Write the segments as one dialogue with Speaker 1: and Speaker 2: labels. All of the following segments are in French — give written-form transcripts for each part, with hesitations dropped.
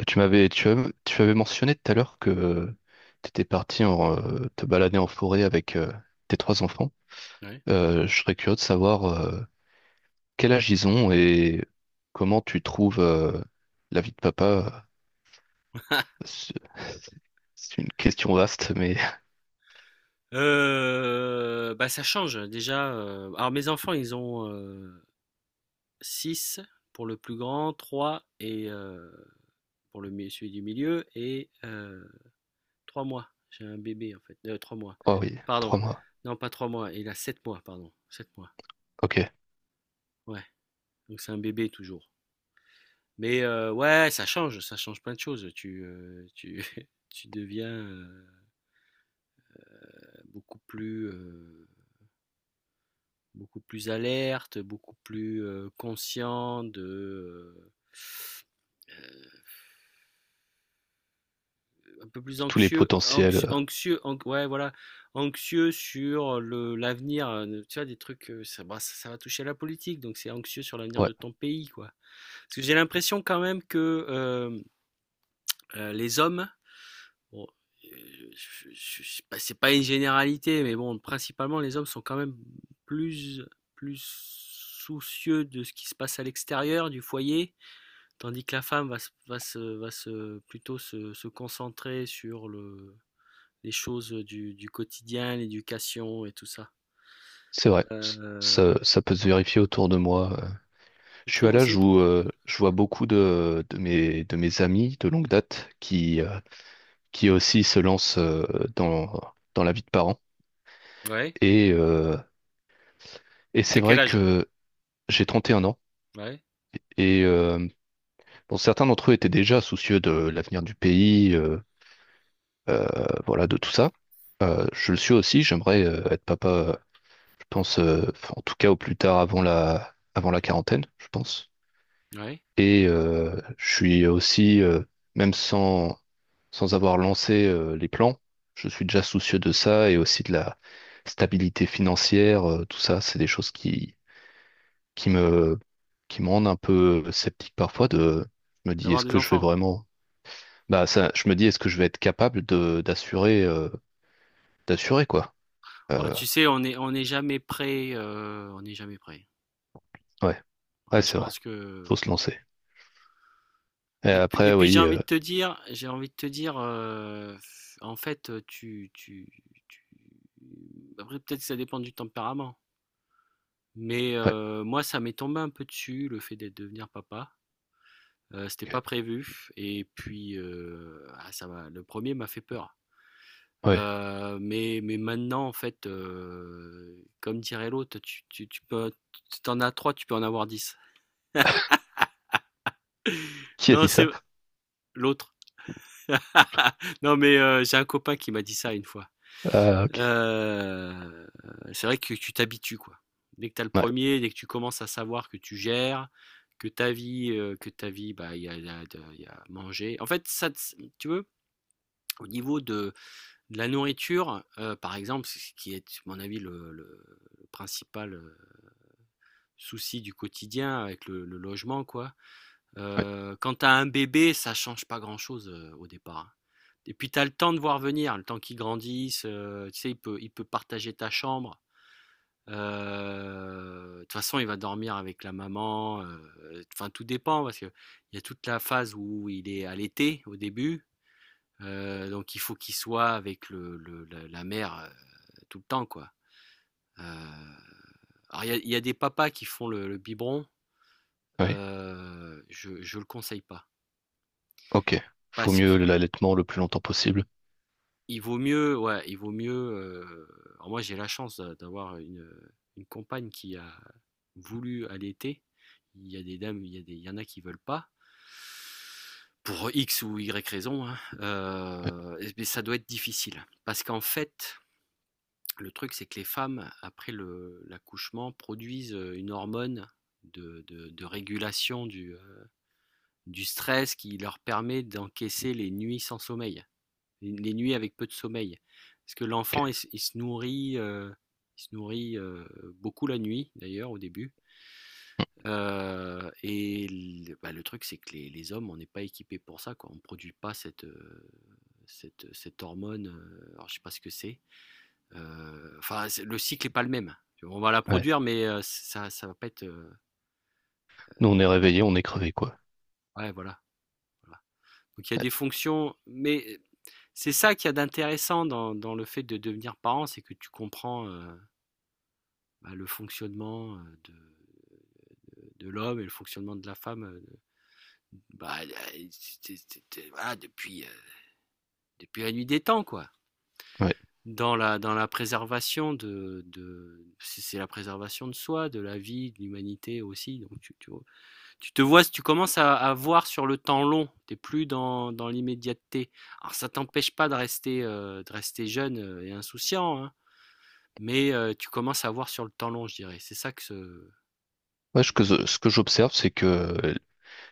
Speaker 1: Tu m'avais tu avais mentionné tout à l'heure que tu étais parti en, te balader en forêt avec tes trois enfants.
Speaker 2: Ouais.
Speaker 1: Je serais curieux de savoir quel âge ils ont et comment tu trouves la vie de papa. C'est c'est une question vaste, mais...
Speaker 2: Bah, ça change déjà, alors mes enfants ils ont 6 pour le plus grand, 3, et pour le mi celui du milieu, et 3 mois. J'ai un bébé en fait, 3 mois,
Speaker 1: Oh oui,
Speaker 2: pardon.
Speaker 1: trois mois.
Speaker 2: Non, pas 3 mois, il a 7 mois, pardon, 7 mois,
Speaker 1: Ok.
Speaker 2: ouais, donc c'est un bébé toujours. Mais ouais, ça change, plein de choses, tu tu deviens, beaucoup plus, heu beaucoup plus alerte, beaucoup plus, conscient de euh, un peu plus
Speaker 1: Tous les
Speaker 2: anxieux
Speaker 1: potentiels.
Speaker 2: anxieux anxieux an- ouais, voilà, anxieux sur le l'avenir, tu vois des trucs, ça, bah, ça va toucher à la politique, donc c'est anxieux sur l'avenir
Speaker 1: Ouais,
Speaker 2: de ton pays, quoi. Parce que j'ai l'impression quand même que, les hommes, bon, euh, bah, c'est pas une généralité, mais bon, principalement les hommes sont quand même plus soucieux de ce qui se passe à l'extérieur du foyer. Tandis que la femme va se, va se, va se plutôt se, se concentrer sur les choses du quotidien, l'éducation, et tout ça.
Speaker 1: c'est vrai.
Speaker 2: Euh,
Speaker 1: Ça, ça peut se vérifier autour de moi.
Speaker 2: Tu
Speaker 1: Je suis à
Speaker 2: trouves
Speaker 1: l'âge
Speaker 2: aussi?
Speaker 1: où je vois beaucoup de mes amis de longue date qui aussi se lance dans, dans la vie de parent.
Speaker 2: Ouais.
Speaker 1: Et, euh, et c'est
Speaker 2: T'as quel
Speaker 1: vrai
Speaker 2: âge?
Speaker 1: que j'ai 31 ans
Speaker 2: Ouais.
Speaker 1: et bon, certains d'entre eux étaient déjà soucieux de l'avenir du pays, euh, voilà, de tout ça. Je le suis aussi, j'aimerais être papa, je pense, en tout cas au plus tard avant avant la quarantaine, je pense.
Speaker 2: Ouais.
Speaker 1: Et je suis aussi, même sans, sans avoir lancé les plans, je suis déjà soucieux de ça et aussi de la stabilité financière, tout ça, c'est des choses qui me, qui me rendent un peu sceptique parfois de, je me dis,
Speaker 2: D'avoir
Speaker 1: est-ce
Speaker 2: des
Speaker 1: que je vais
Speaker 2: enfants.
Speaker 1: vraiment, bah ça, je me dis, est-ce que je vais être capable de, d'assurer, d'assurer quoi.
Speaker 2: Ouais,
Speaker 1: Euh,
Speaker 2: tu sais, on n'est jamais prêt, on n'est jamais prêt.
Speaker 1: ouais, ouais,
Speaker 2: Ouais, je
Speaker 1: c'est vrai,
Speaker 2: pense que.
Speaker 1: faut se lancer. Et
Speaker 2: Et puis,
Speaker 1: après,
Speaker 2: j'ai
Speaker 1: oui,
Speaker 2: envie de te dire, en fait, tu... Après, peut-être que ça dépend du tempérament. Mais
Speaker 1: ouais,
Speaker 2: moi, ça m'est tombé un peu dessus, le fait d'être devenir papa. C'était
Speaker 1: ok,
Speaker 2: pas prévu et puis, ah, ça m'a le premier m'a fait peur.
Speaker 1: ouais.
Speaker 2: Mais maintenant, en fait, comme dirait l'autre, tu peux, si tu en as 3, tu peux en avoir 10.
Speaker 1: Qui a
Speaker 2: Non,
Speaker 1: dit
Speaker 2: c'est
Speaker 1: ça?
Speaker 2: l'autre. Non, mais j'ai un copain qui m'a dit ça une fois.
Speaker 1: Ah, ok,
Speaker 2: Euh, c'est vrai que tu t'habitues, quoi. Dès que tu as le
Speaker 1: ouais,
Speaker 2: premier, dès que tu commences à savoir que tu gères, que ta vie, bah, il y a manger. En fait, ça, tu veux, au niveau de la nourriture, par exemple, ce qui est, à mon avis, le principal souci du quotidien, avec le logement, quoi.
Speaker 1: ouais,
Speaker 2: Quand tu as un bébé, ça change pas grand-chose, au départ, hein. Et puis, tu as le temps de voir venir, le temps qu'il grandisse, tu sais, il peut partager ta chambre. De toute façon, il va dormir avec la maman, enfin, tout dépend, parce qu'il y a toute la phase où il est allaité au début, donc il faut qu'il soit avec le la la mère, tout le temps, quoi. Heu, alors, il y a des papas qui font le biberon,
Speaker 1: ouais.
Speaker 2: je le conseille pas,
Speaker 1: Ok. Faut
Speaker 2: parce que...
Speaker 1: mieux l'allaitement le plus longtemps possible.
Speaker 2: Il vaut mieux, ouais, il vaut mieux, alors moi, j'ai la chance d'avoir une compagne qui a voulu allaiter. Il y a des dames, il y en a qui veulent pas pour X ou Y raison, hein.
Speaker 1: Ouais,
Speaker 2: Mais ça doit être difficile, parce qu'en fait, le truc, c'est que les femmes après l'accouchement produisent, une hormone de régulation du stress, qui leur permet d'encaisser les nuits sans sommeil les nuits avec peu de sommeil. Parce que
Speaker 1: ok.
Speaker 2: l'enfant, il se nourrit, il se nourrit euh, beaucoup la nuit, d'ailleurs, au début. Et le, bah, le truc, c'est que les, hommes, on n'est pas équipés pour ça, quoi. On ne produit pas cette hormone, alors je ne sais pas ce que c'est. Enfin, le cycle n'est pas le même. On va la
Speaker 1: Ouais.
Speaker 2: produire, mais, ça va pas être,
Speaker 1: Nous, on est réveillés, on est crevés, quoi.
Speaker 2: ouais, voilà, voilà. Donc il y a des fonctions, mais c'est ça qu'il y a d'intéressant dans le fait de devenir parent, c'est que tu comprends, bah, le fonctionnement, de l'homme et le fonctionnement de la femme, bah, voilà, depuis la nuit des temps, quoi.
Speaker 1: Ouais.
Speaker 2: Dans la préservation de c'est la préservation de soi, de la vie, de l'humanité aussi. Donc tu, tu te vois, tu commences à voir sur le temps long. T'es plus dans l'immédiateté. Alors, ça t'empêche pas de rester, jeune et insouciant, hein, mais, tu commences à voir sur le temps long, je dirais. C'est ça que
Speaker 1: Ouais, ce que j'observe, c'est que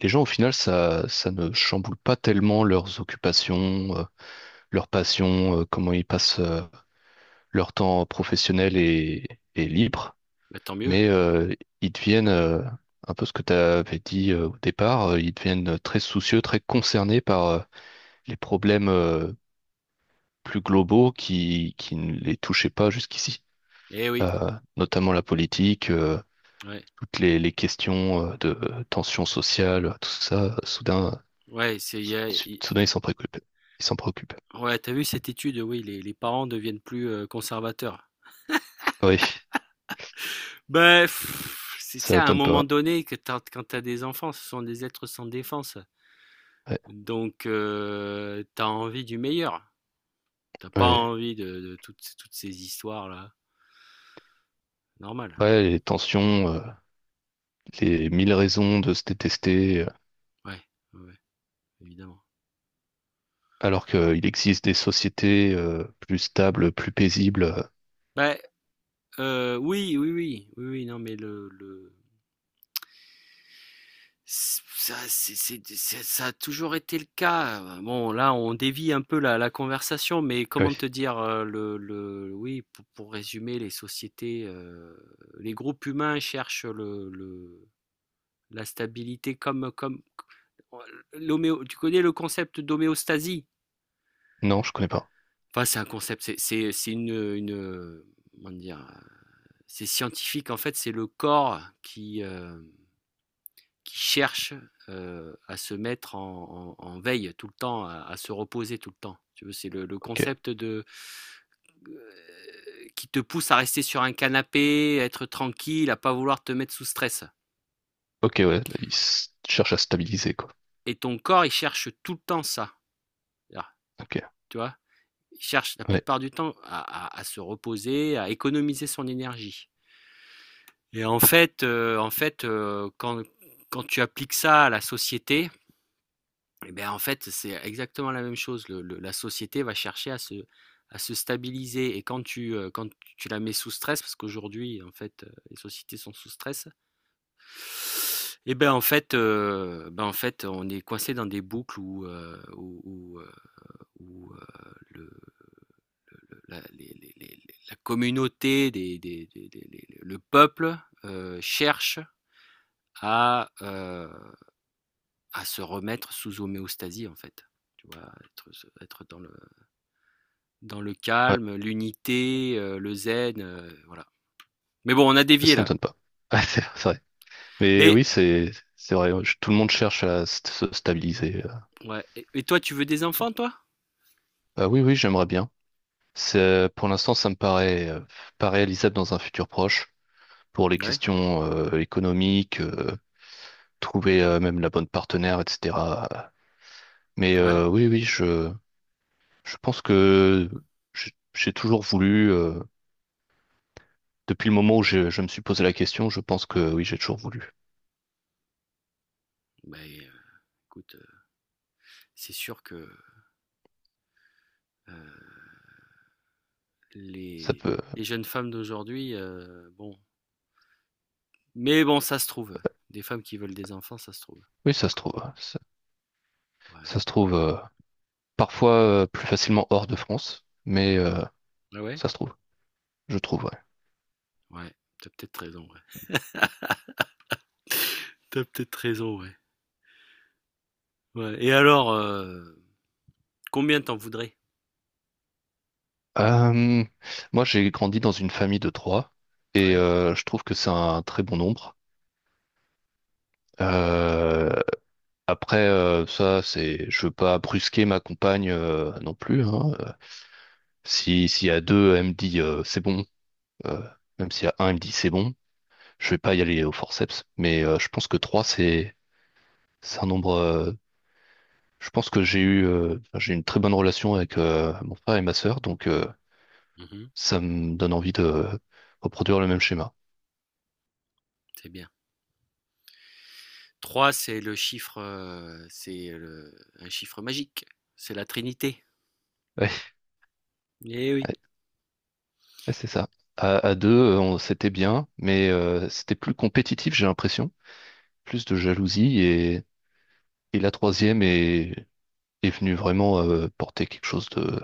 Speaker 1: les gens, au final, ça ne chamboule pas tellement leurs occupations, leurs passions, comment ils passent leur temps professionnel et libre.
Speaker 2: bah, tant mieux.
Speaker 1: Mais ils deviennent, un peu ce que tu avais dit au départ, ils deviennent très soucieux, très concernés par les problèmes plus globaux qui ne les touchaient pas jusqu'ici.
Speaker 2: Eh oui,
Speaker 1: Euh, notamment la politique,
Speaker 2: ouais.
Speaker 1: toutes les questions de tension sociale, tout ça, soudain,
Speaker 2: Ouais, c'est, il y
Speaker 1: sou-
Speaker 2: a- il-
Speaker 1: soudain ils s'en préoccupent. Ils s'en préoccupent.
Speaker 2: ouais, t'as vu cette étude, oui, les, parents deviennent plus, conservateurs.
Speaker 1: Ah oui,
Speaker 2: Ben, pff,
Speaker 1: ça
Speaker 2: c'est à un
Speaker 1: m'étonne
Speaker 2: moment
Speaker 1: pas.
Speaker 2: donné que t'as- quand t'as des enfants, ce sont des êtres sans défense.
Speaker 1: Ouais,
Speaker 2: Donc, t'as envie du meilleur. T'as pas
Speaker 1: ouais.
Speaker 2: envie de toutes, toutes ces histoires-là. Normal.
Speaker 1: Ouais, les tensions, les mille raisons de se détester,
Speaker 2: Ouais, ouais, évidemment.
Speaker 1: alors qu'il existe des sociétés plus stables, plus paisibles.
Speaker 2: Ben, oui, oui, oui, oui, oui, non, mais le, ça c'est ça a toujours été le cas, bon, là on dévie un peu la conversation, mais comment
Speaker 1: Ouais.
Speaker 2: te dire, le oui, pour résumer les sociétés, les groupes humains cherchent le la stabilité, comme oh, l'homéo tu connais le concept d'homéostasie?
Speaker 1: Non, je connais pas.
Speaker 2: Enfin, c'est un concept, une, comment dire? C'est scientifique en fait, c'est le corps qui cherchent, à se mettre en veille tout le temps, à se reposer tout le temps. Tu vois, c'est le
Speaker 1: Ok.
Speaker 2: concept de euh, qui te pousse à rester sur un canapé, à être tranquille, à pas vouloir te mettre sous stress.
Speaker 1: Ok, ouais, là, cherchent à stabiliser, quoi.
Speaker 2: Et ton corps, il cherche tout le temps ça. Là,
Speaker 1: Ok.
Speaker 2: tu vois, il cherche la
Speaker 1: Ouais,
Speaker 2: plupart du temps à, à se reposer, à économiser son énergie. Et en fait, quand tu appliques ça à la société, et beh, en fait, c'est exactement la même chose. Le, la société va chercher à se, stabiliser, et quand tu la mets sous stress, parce qu'aujourd'hui, en fait, les sociétés sont sous stress. Et ben, en fait, on est coincé dans des boucles où le le la les la communauté des les le peuple, cherche à, heu, à se remettre sous homéostasie, en fait. Tu vois? Être dans le
Speaker 1: ouais,
Speaker 2: calme, l'unité, le zen, voilà. Mais bon, on a dévié
Speaker 1: ça
Speaker 2: là.
Speaker 1: m'étonne pas. Ah, c'est vrai. Mais
Speaker 2: Mais
Speaker 1: oui, c'est vrai. Tout le monde cherche à se stabiliser.
Speaker 2: ouais, et toi, tu veux des enfants, toi?
Speaker 1: Oui, oui, j'aimerais bien. C'est pour l'instant, ça me paraît pas réalisable dans un futur proche pour les
Speaker 2: Ouais,
Speaker 1: questions économiques, trouver même la bonne partenaire, etc. Mais
Speaker 2: ouais.
Speaker 1: oui, oui, je pense que j'ai toujours voulu. Depuis le moment où je me suis posé la question, je pense que oui, j'ai toujours voulu.
Speaker 2: Beh, heu, écoute, c'est sûr que, heu,
Speaker 1: Ça
Speaker 2: les
Speaker 1: peut,
Speaker 2: jeunes femmes d'aujourd'hui, bon, mais bon, ça se trouve, des femmes qui veulent des enfants, ça se trouve
Speaker 1: oui, ça se
Speaker 2: encore.
Speaker 1: trouve. Ça,
Speaker 2: Ouais.
Speaker 1: ça se trouve parfois plus facilement hors de France, mais
Speaker 2: Ah ouais?
Speaker 1: ça se trouve, je trouve, ouais.
Speaker 2: Ouais, t'as peut-être raison, ouais. Tu peut-être raison, ouais. Ouais, et alors, combien t'en voudrais?
Speaker 1: Euh, Moi, j'ai grandi dans une famille de trois et
Speaker 2: Ouais.
Speaker 1: je trouve que c'est un très bon nombre. Euh, après, ça, c'est, je veux pas brusquer ma compagne non plus. Hein. Si S'il y a deux, elle me dit c'est bon. Euh, même s'il y a un, elle me dit c'est bon. Je vais pas y aller au forceps, mais je pense que trois, c'est un nombre. Je pense que j'ai eu enfin, j'ai une très bonne relation avec mon frère et ma sœur, donc
Speaker 2: Mmh.
Speaker 1: ça me donne envie de reproduire le même schéma.
Speaker 2: C'est bien. 3, c'est le chiffre, c'est le un chiffre magique, c'est la Trinité.
Speaker 1: Ouais.
Speaker 2: Eh oui,
Speaker 1: Ouais, c'est ça. À deux, c'était bien, mais c'était plus compétitif, j'ai l'impression. Plus de jalousie et la troisième est, est venue vraiment porter quelque chose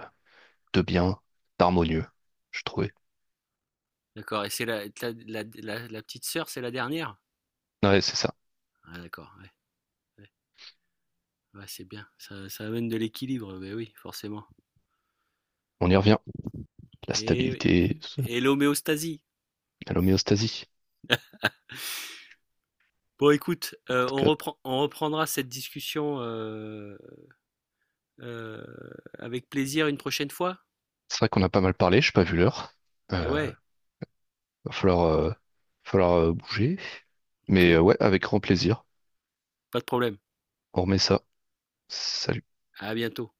Speaker 1: de bien, d'harmonieux, je trouvais.
Speaker 2: d'accord, et c'est la petite sœur, c'est la dernière?
Speaker 1: Ouais, c'est ça.
Speaker 2: Ah, d'accord, ouais, ouais, ouais, c'est bien, ça amène de l'équilibre, beh oui, forcément.
Speaker 1: On y revient. La
Speaker 2: Eh oui,
Speaker 1: stabilité,
Speaker 2: et l'homéostasie.
Speaker 1: à l'homéostasie.
Speaker 2: Bon, écoute,
Speaker 1: En tout cas,
Speaker 2: on reprendra cette discussion, heu, avec plaisir, une prochaine fois?
Speaker 1: c'est vrai qu'on a pas mal parlé, j'ai pas vu l'heure.
Speaker 2: Eh
Speaker 1: Euh,
Speaker 2: ouais,
Speaker 1: va falloir bouger.
Speaker 2: OK,
Speaker 1: Mais ouais, avec grand plaisir.
Speaker 2: pas de problème.
Speaker 1: On remet ça. Salut.
Speaker 2: À bientôt.